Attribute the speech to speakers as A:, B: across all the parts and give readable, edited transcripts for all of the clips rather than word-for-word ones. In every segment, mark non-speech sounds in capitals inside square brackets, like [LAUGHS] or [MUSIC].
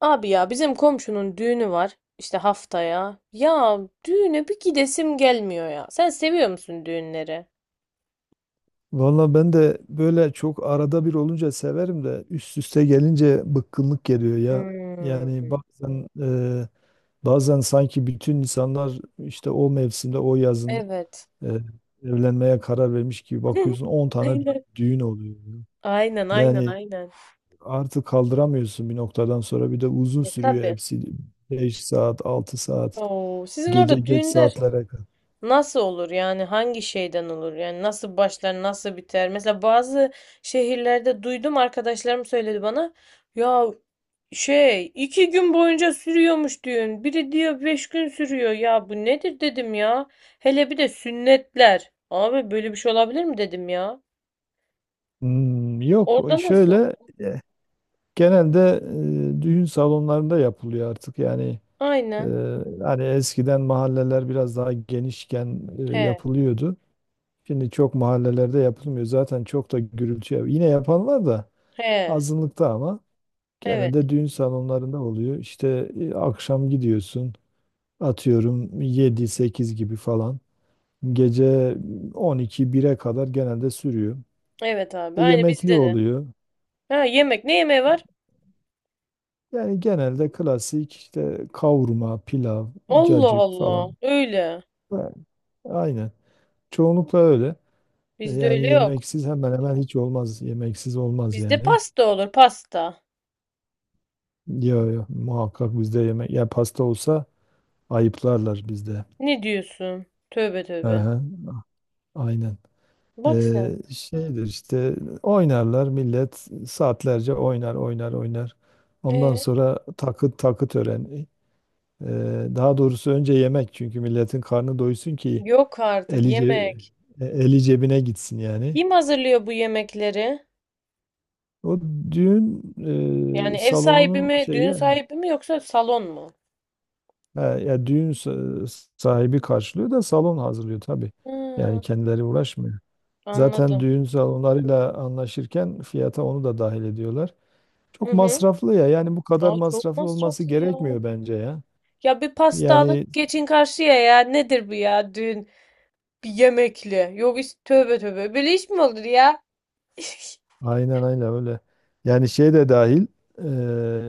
A: Abi ya bizim komşunun düğünü var işte haftaya. Ya düğüne bir gidesim gelmiyor ya. Sen seviyor musun düğünleri?
B: Valla, ben de böyle çok arada bir olunca severim de üst üste gelince bıkkınlık geliyor ya.
A: Hmm,
B: Yani bazen, bazen sanki bütün insanlar, işte, o mevsimde, o yazın
A: evet.
B: e, evlenmeye karar vermiş gibi bakıyorsun, on
A: [LAUGHS]
B: tane
A: Aynen.
B: düğün oluyor.
A: Aynen, aynen,
B: Yani
A: aynen.
B: artık kaldıramıyorsun bir noktadan sonra, bir de uzun
A: E
B: sürüyor
A: tabii.
B: hepsi, 5 saat 6 saat,
A: Oo, sizin
B: gece
A: orada
B: geç
A: düğünler
B: saatlere kadar.
A: nasıl olur yani hangi şeyden olur yani nasıl başlar nasıl biter mesela bazı şehirlerde duydum arkadaşlarım söyledi bana ya. Şey, iki gün boyunca sürüyormuş düğün. Biri diyor beş gün sürüyor. Ya bu nedir dedim ya. Hele bir de sünnetler. Abi böyle bir şey olabilir mi dedim ya.
B: Hmm, yok, o
A: Orada nasıl?
B: şöyle. Genelde düğün salonlarında yapılıyor artık. Yani, e,
A: Aynen.
B: hani eskiden mahalleler biraz daha genişken,
A: He,
B: yapılıyordu. Şimdi çok mahallelerde yapılmıyor. Zaten çok da gürültü yine yapan var da
A: he.
B: azınlıkta, ama
A: Evet.
B: genelde düğün salonlarında oluyor. İşte akşam gidiyorsun, atıyorum 7-8 gibi falan. Gece 12-1'e kadar genelde sürüyor.
A: Evet abi. Aynı
B: Yemekli
A: bizde de.
B: oluyor.
A: Ha yemek. Ne yemeği var?
B: Yani genelde klasik, işte kavurma, pilav,
A: Allah
B: cacık
A: Allah.
B: falan.
A: Öyle.
B: Yani, aynen. Çoğunlukla öyle.
A: Bizde
B: Yani
A: öyle yok.
B: yemeksiz hemen hemen hiç olmaz. Yemeksiz olmaz
A: Bizde
B: yani.
A: pasta olur. Pasta.
B: Yo yo, muhakkak bizde yemek. Ya pasta olsa ayıplarlar bizde.
A: Ne diyorsun? Tövbe tövbe.
B: Aha, aynen.
A: Bak sen.
B: Şeydir işte, oynarlar millet saatlerce, oynar oynar oynar. Ondan
A: E,
B: sonra takı, takı töreni. Daha doğrusu önce yemek, çünkü milletin karnı doysun ki
A: yok artık
B: Eli, ce-
A: yemek.
B: eli cebine gitsin yani.
A: Kim hazırlıyor bu yemekleri?
B: O düğün
A: Yani ev sahibi
B: salonunun
A: mi,
B: şeyi,
A: düğün sahibi mi yoksa salon mu?
B: ha, ya düğün sahibi karşılıyor da salon hazırlıyor tabii. Yani
A: Hı,
B: kendileri uğraşmıyor. Zaten
A: anladım.
B: düğün salonlarıyla anlaşırken fiyata onu da dahil ediyorlar.
A: Hı
B: Çok
A: hı.
B: masraflı ya. Yani bu kadar
A: Aa, çok
B: masraflı olması
A: masraflı ya.
B: gerekmiyor bence ya.
A: Ya bir pasta
B: Yani
A: alıp geçin karşıya ya. Nedir bu ya düğün? Bir yemekli. Yok is tövbe tövbe. Böyle iş mi olur ya? Piş.
B: aynen, aynen, öyle. Yani şey de dahil, e,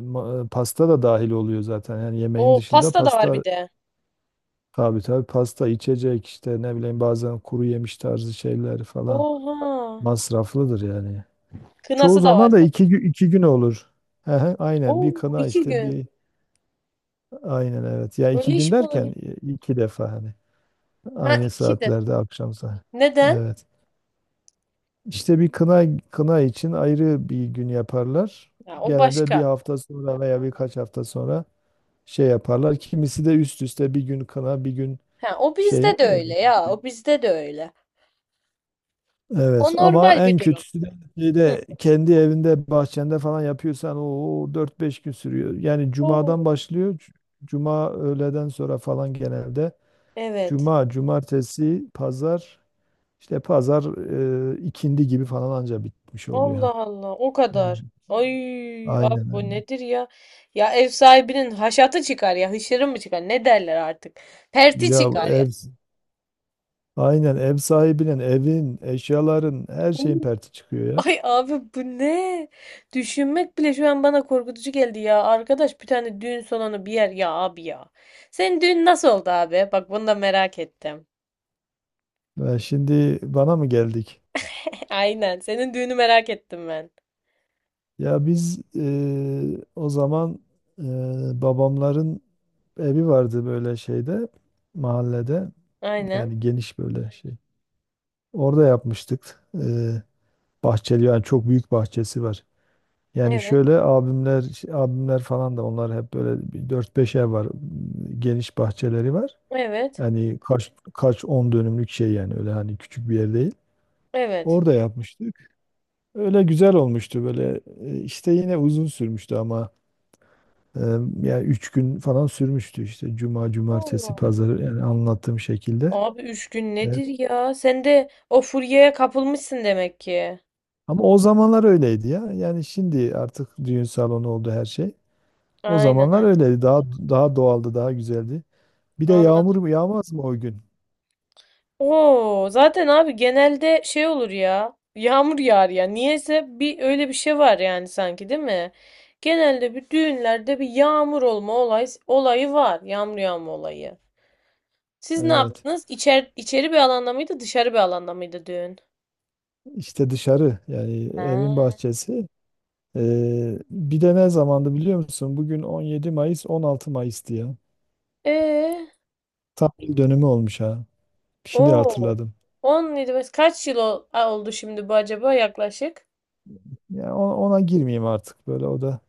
B: pasta da dahil oluyor zaten. Yani yemeğin
A: O
B: dışında
A: pasta da var
B: pasta.
A: bir de.
B: Tabii, tabii, pasta, içecek, işte ne bileyim, bazen kuru yemiş tarzı şeyler falan,
A: Oha.
B: masraflıdır yani. Çoğu
A: Kınası da var
B: zaman da
A: tabii.
B: 2 gün olur. Hı hı, aynen,
A: Oo
B: bir kına
A: iki
B: işte,
A: gün.
B: bir, aynen, evet. Ya
A: Öyle
B: iki
A: iş
B: gün
A: mi
B: derken,
A: olur?
B: 2 defa hani,
A: Ha
B: aynı
A: iki de.
B: saatlerde, akşam saat.
A: Neden?
B: Evet. İşte, bir kına, kına için ayrı bir gün yaparlar.
A: Ya o
B: Genelde bir
A: başka.
B: hafta sonra veya birkaç hafta sonra şey yaparlar. Kimisi de üst üste bir gün kına, bir gün
A: Ha o
B: şey,
A: bizde de öyle ya. O bizde de öyle. O
B: evet, ama
A: normal bir
B: en
A: durum.
B: kötüsü de
A: Hı.
B: şeyde, kendi evinde, bahçende falan yapıyorsan, o 4-5 gün sürüyor. Yani cumadan
A: Oo.
B: başlıyor. Cuma öğleden sonra falan genelde.
A: Evet.
B: Cuma, cumartesi, pazar, işte pazar ikindi gibi falan anca bitmiş oluyor,
A: Allah
B: ha.
A: Allah o
B: Yani
A: kadar. Ay abi
B: aynen,
A: o
B: aynen.
A: nedir ya? Ya ev sahibinin haşatı çıkar ya hışırı mı çıkar ne derler artık. Perti
B: Ya
A: çıkar ya.
B: ev Aynen, ev sahibinin, evin, eşyaların, her şeyin
A: Oo,
B: perti çıkıyor ya.
A: ay abi bu ne? Düşünmek bile şu an bana korkutucu geldi ya. Arkadaş bir tane düğün salonu bir yer ya abi ya. Senin düğün nasıl oldu abi? Bak bunu da merak ettim.
B: Ya şimdi bana mı geldik?
A: [LAUGHS] Aynen senin düğünü merak ettim ben.
B: Ya biz o zaman, eee, babamların evi vardı, böyle şeyde, mahallede,
A: Aynen.
B: yani geniş böyle şey. Orada yapmıştık. Bahçeli, yani çok büyük bahçesi var. Yani
A: Evet.
B: şöyle, abimler şey, abimler falan da, onlar hep böyle bir 4-5 ev var. Geniş bahçeleri var.
A: Evet.
B: Yani kaç kaç 10 dönümlük şey yani, öyle hani küçük bir yer değil.
A: Evet.
B: Orada yapmıştık. Öyle güzel olmuştu böyle. İşte yine uzun sürmüştü, ama Ee, yani 3 gün falan sürmüştü, işte cuma, cumartesi, pazar, yani anlattığım şekilde.
A: Abi üç gün
B: Evet.
A: nedir ya? Sen de o furyaya kapılmışsın demek ki.
B: Ama o zamanlar öyleydi ya. Yani şimdi artık düğün salonu oldu her şey. O
A: Aynen
B: zamanlar
A: aynen.
B: öyleydi. Daha doğaldı, daha güzeldi. Bir de yağmur
A: Anladım.
B: mu yağmaz mı o gün?
A: Oo, zaten abi genelde şey olur ya. Yağmur yağar ya. Niyeyse bir öyle bir şey var yani sanki değil mi? Genelde bir düğünlerde bir yağmur olayı var. Yağmur yağma olayı. Siz ne
B: Evet.
A: yaptınız? İçeri bir alanda mıydı, dışarı bir alanda mıydı düğün?
B: İşte dışarı, yani evin
A: Ha.
B: bahçesi. Bir de ne zamandı, biliyor musun? Bugün 17 Mayıs, 16 Mayıs'tı ya.
A: Ee,
B: Tam yıl dönümü olmuş, ha. Şimdi
A: o
B: hatırladım.
A: 17 kaç yıl oldu şimdi bu acaba yaklaşık?
B: Yani ona girmeyeyim artık, böyle o da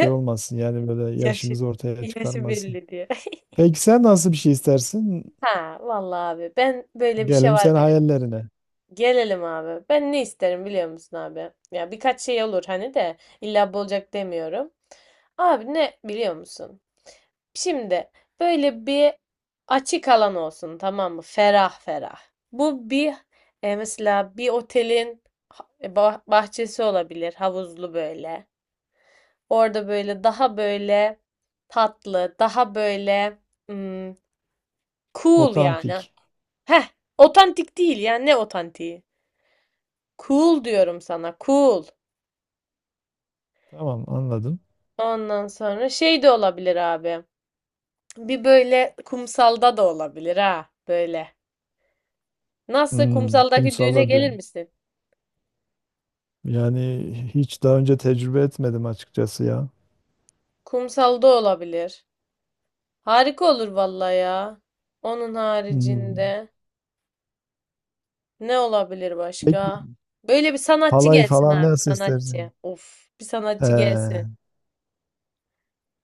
B: şey olmasın, yani böyle
A: Yaşı,
B: yaşımızı ortaya
A: yaşı
B: çıkarmasın.
A: belli diye. [LAUGHS]
B: Peki sen nasıl bir şey istersin?
A: Ha vallahi abi ben böyle bir şey
B: Gelelim
A: var
B: sen
A: benim.
B: hayallerine.
A: Gelelim abi. Ben ne isterim biliyor musun abi? Ya birkaç şey olur hani de illa bu olacak demiyorum. Abi ne biliyor musun? Şimdi böyle bir açık alan olsun, tamam mı? Ferah ferah. Bu bir mesela bir otelin bahçesi olabilir havuzlu böyle. Orada böyle daha böyle tatlı, daha böyle cool yani.
B: Otantik.
A: Heh, otantik değil yani ne otantiği? Cool diyorum sana, cool.
B: Tamam, anladım.
A: Ondan sonra şey de olabilir abi. Bir böyle kumsalda da olabilir ha, böyle. Nasıl
B: Hmm,
A: kumsaldaki düğüne
B: kumsalda
A: gelir
B: düğün.
A: misin?
B: Yani hiç daha önce tecrübe etmedim açıkçası ya.
A: Kumsalda olabilir. Harika olur vallahi ya. Onun
B: Hmm.
A: haricinde ne olabilir
B: Peki
A: başka? Böyle bir sanatçı
B: halay
A: gelsin
B: falan
A: abi,
B: nasıl istersin?
A: sanatçı. Of, bir sanatçı gelsin.
B: Ee,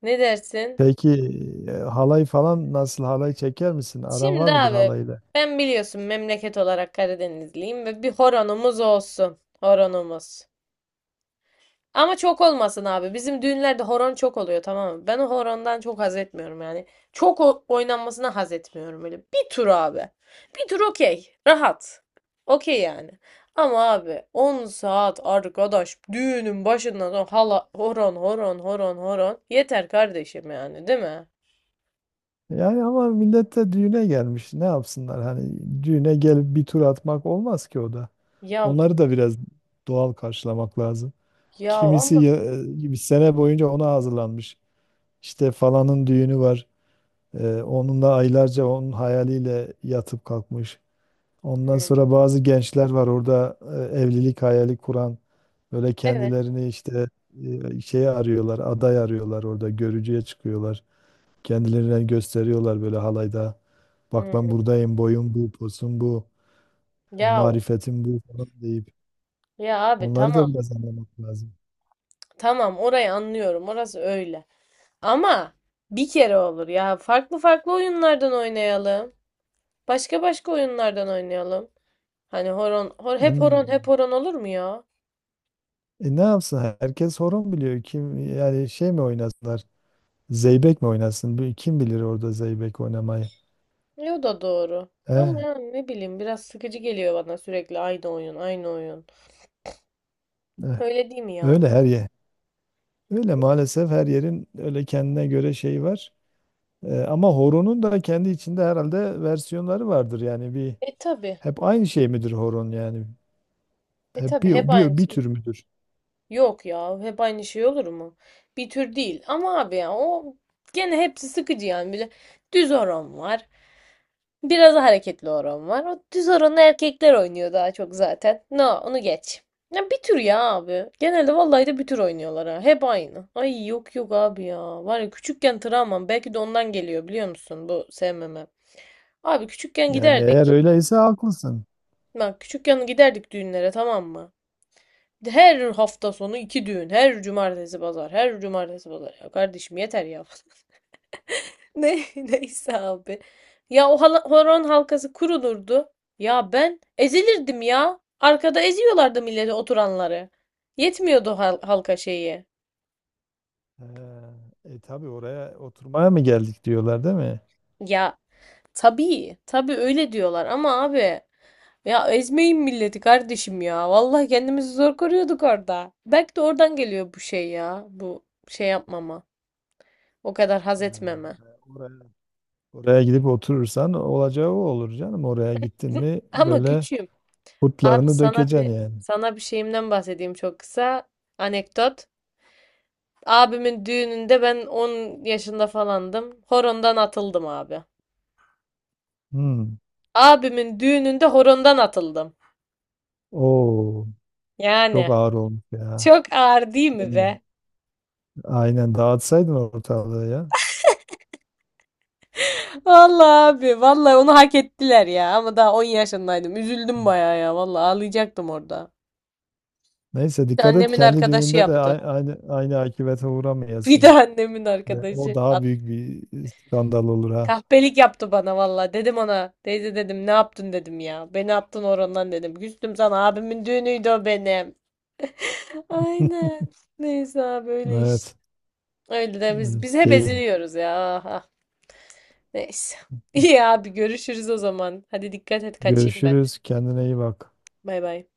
A: Ne dersin?
B: peki, halay falan nasıl, halay çeker misin? Aran var
A: Şimdi
B: mıdır
A: abi
B: halayla?
A: ben biliyorsun memleket olarak Karadenizliyim ve bir horonumuz olsun. Horonumuz. Ama çok olmasın abi. Bizim düğünlerde horon çok oluyor, tamam mı? Ben o horondan çok haz etmiyorum yani. Çok oynanmasına haz etmiyorum öyle. Bir tur abi. Bir tur okey. Rahat. Okey yani. Ama abi 10 saat arkadaş düğünün başından sonra hala horon, horon, horon, horon. Yeter kardeşim yani, değil mi?
B: Yani ama millet de düğüne gelmiş. Ne yapsınlar? Hani düğüne gelip bir tur atmak olmaz ki o da.
A: Ya
B: Onları da biraz doğal karşılamak lazım. Kimisi
A: ama
B: bir sene boyunca ona hazırlanmış. İşte falanın düğünü var. Onunla aylarca onun hayaliyle yatıp kalkmış. Ondan
A: hı,
B: sonra bazı gençler var orada evlilik hayali kuran. Böyle
A: evet.
B: kendilerini işte şeye arıyorlar, aday arıyorlar orada. Görücüye çıkıyorlar. Kendilerini gösteriyorlar böyle halayda. Bak, ben
A: Hı.
B: buradayım, boyum bu, posum bu,
A: Ya
B: marifetim bu falan deyip.
A: ya abi
B: Onları da
A: tamam,
B: biraz anlamak lazım.
A: tamam orayı anlıyorum orası öyle. Ama bir kere olur ya farklı farklı oyunlardan oynayalım. Başka başka oyunlardan oynayalım. Hani hep horon hep
B: En-
A: horon olur mu ya?
B: Ne yapsın? Herkes horon biliyor. Kim, yani şey mi oynasınlar? Zeybek mi oynasın? Kim bilir orada zeybek oynamayı?
A: E, o da doğru. Ama
B: Eh,
A: yani ne bileyim biraz sıkıcı geliyor bana sürekli aynı oyun aynı oyun.
B: eh,
A: Öyle değil mi yani?
B: Öyle her yer. Öyle maalesef, her yerin öyle kendine göre şeyi var. Ama horonun da kendi içinde herhalde versiyonları vardır. Yani bir,
A: E tabi,
B: hep aynı şey midir horon yani? Hep
A: hep
B: bir
A: aynı
B: bir, bir
A: şey.
B: tür müdür?
A: Yok ya hep aynı şey olur mu? Bir tür değil ama abi ya o gene hepsi sıkıcı yani. Bir de düz horon var. Biraz hareketli oran var. O düz oranı erkekler oynuyor daha çok zaten. No, onu geç. Ya bir tür ya abi. Genelde vallahi de bir tür oynuyorlar ha. Hep aynı. Ay yok yok abi ya. Var ya küçükken travmam belki de ondan geliyor biliyor musun bu sevmemem. Abi küçükken
B: Yani, eğer
A: giderdik.
B: öyleyse haklısın.
A: Bak küçükken giderdik düğünlere, tamam mı? Her hafta sonu iki düğün. Her cumartesi pazar. Her cumartesi pazar. Ya kardeşim yeter ya. [LAUGHS] Ne, [LAUGHS] neyse abi. Ya o horon halkası kurulurdu. Ya ben ezilirdim ya. Arkada eziyorlardı milleti oturanları. Yetmiyordu halka şeyi.
B: E, tabii, oraya oturmaya mı geldik diyorlar, değil mi?
A: Ya tabii, tabii öyle diyorlar ama abi ya ezmeyin milleti kardeşim ya. Vallahi kendimizi zor koruyorduk orada. Belki de oradan geliyor bu şey ya. Bu şey yapmama. O kadar haz
B: E,
A: etmeme.
B: Oraya gidip oturursan olacağı o olur canım. Oraya gittin
A: [LAUGHS]
B: mi
A: Ama
B: böyle
A: küçüğüm. Abi
B: kurtlarını
A: sana bir
B: dökeceksin yani.
A: Sana bir şeyimden bahsedeyim çok kısa. Anekdot. Abimin düğününde ben 10 yaşında falandım. Horondan atıldım abi.
B: Hmm.
A: Abimin düğününde horondan atıldım.
B: Oo, çok
A: Yani
B: ağır olmuş ya.
A: çok ağır değil mi
B: Hmm.
A: be?
B: Aynen, dağıtsaydın ortalığı ya.
A: Vallahi abi vallahi onu hak ettiler ya ama daha 10 yaşındaydım. Üzüldüm bayağı ya vallahi ağlayacaktım orada.
B: Neyse
A: Bir de
B: dikkat et,
A: annemin
B: kendi
A: arkadaşı
B: düğününde de
A: yaptı.
B: aynı aynı akibete
A: Bir de
B: uğramayasın.
A: annemin
B: Ve o
A: arkadaşı.
B: daha
A: At-
B: büyük bir skandal olur, ha.
A: Kahpelik yaptı bana vallahi. Dedim ona teyze dedim ne yaptın dedim ya. Beni attın horondan dedim. Küstüm sana abimin düğünüydü o benim.
B: [LAUGHS]
A: Aynen. Neyse abi öyle işte.
B: Evet.
A: Öyle de biz
B: Evet.
A: hep
B: Key.
A: eziliyoruz ya. Aha. Neyse. [LAUGHS] İyi abi görüşürüz o zaman. Hadi dikkat et kaçayım ben.
B: Görüşürüz. Kendine iyi bak.
A: Bay bay.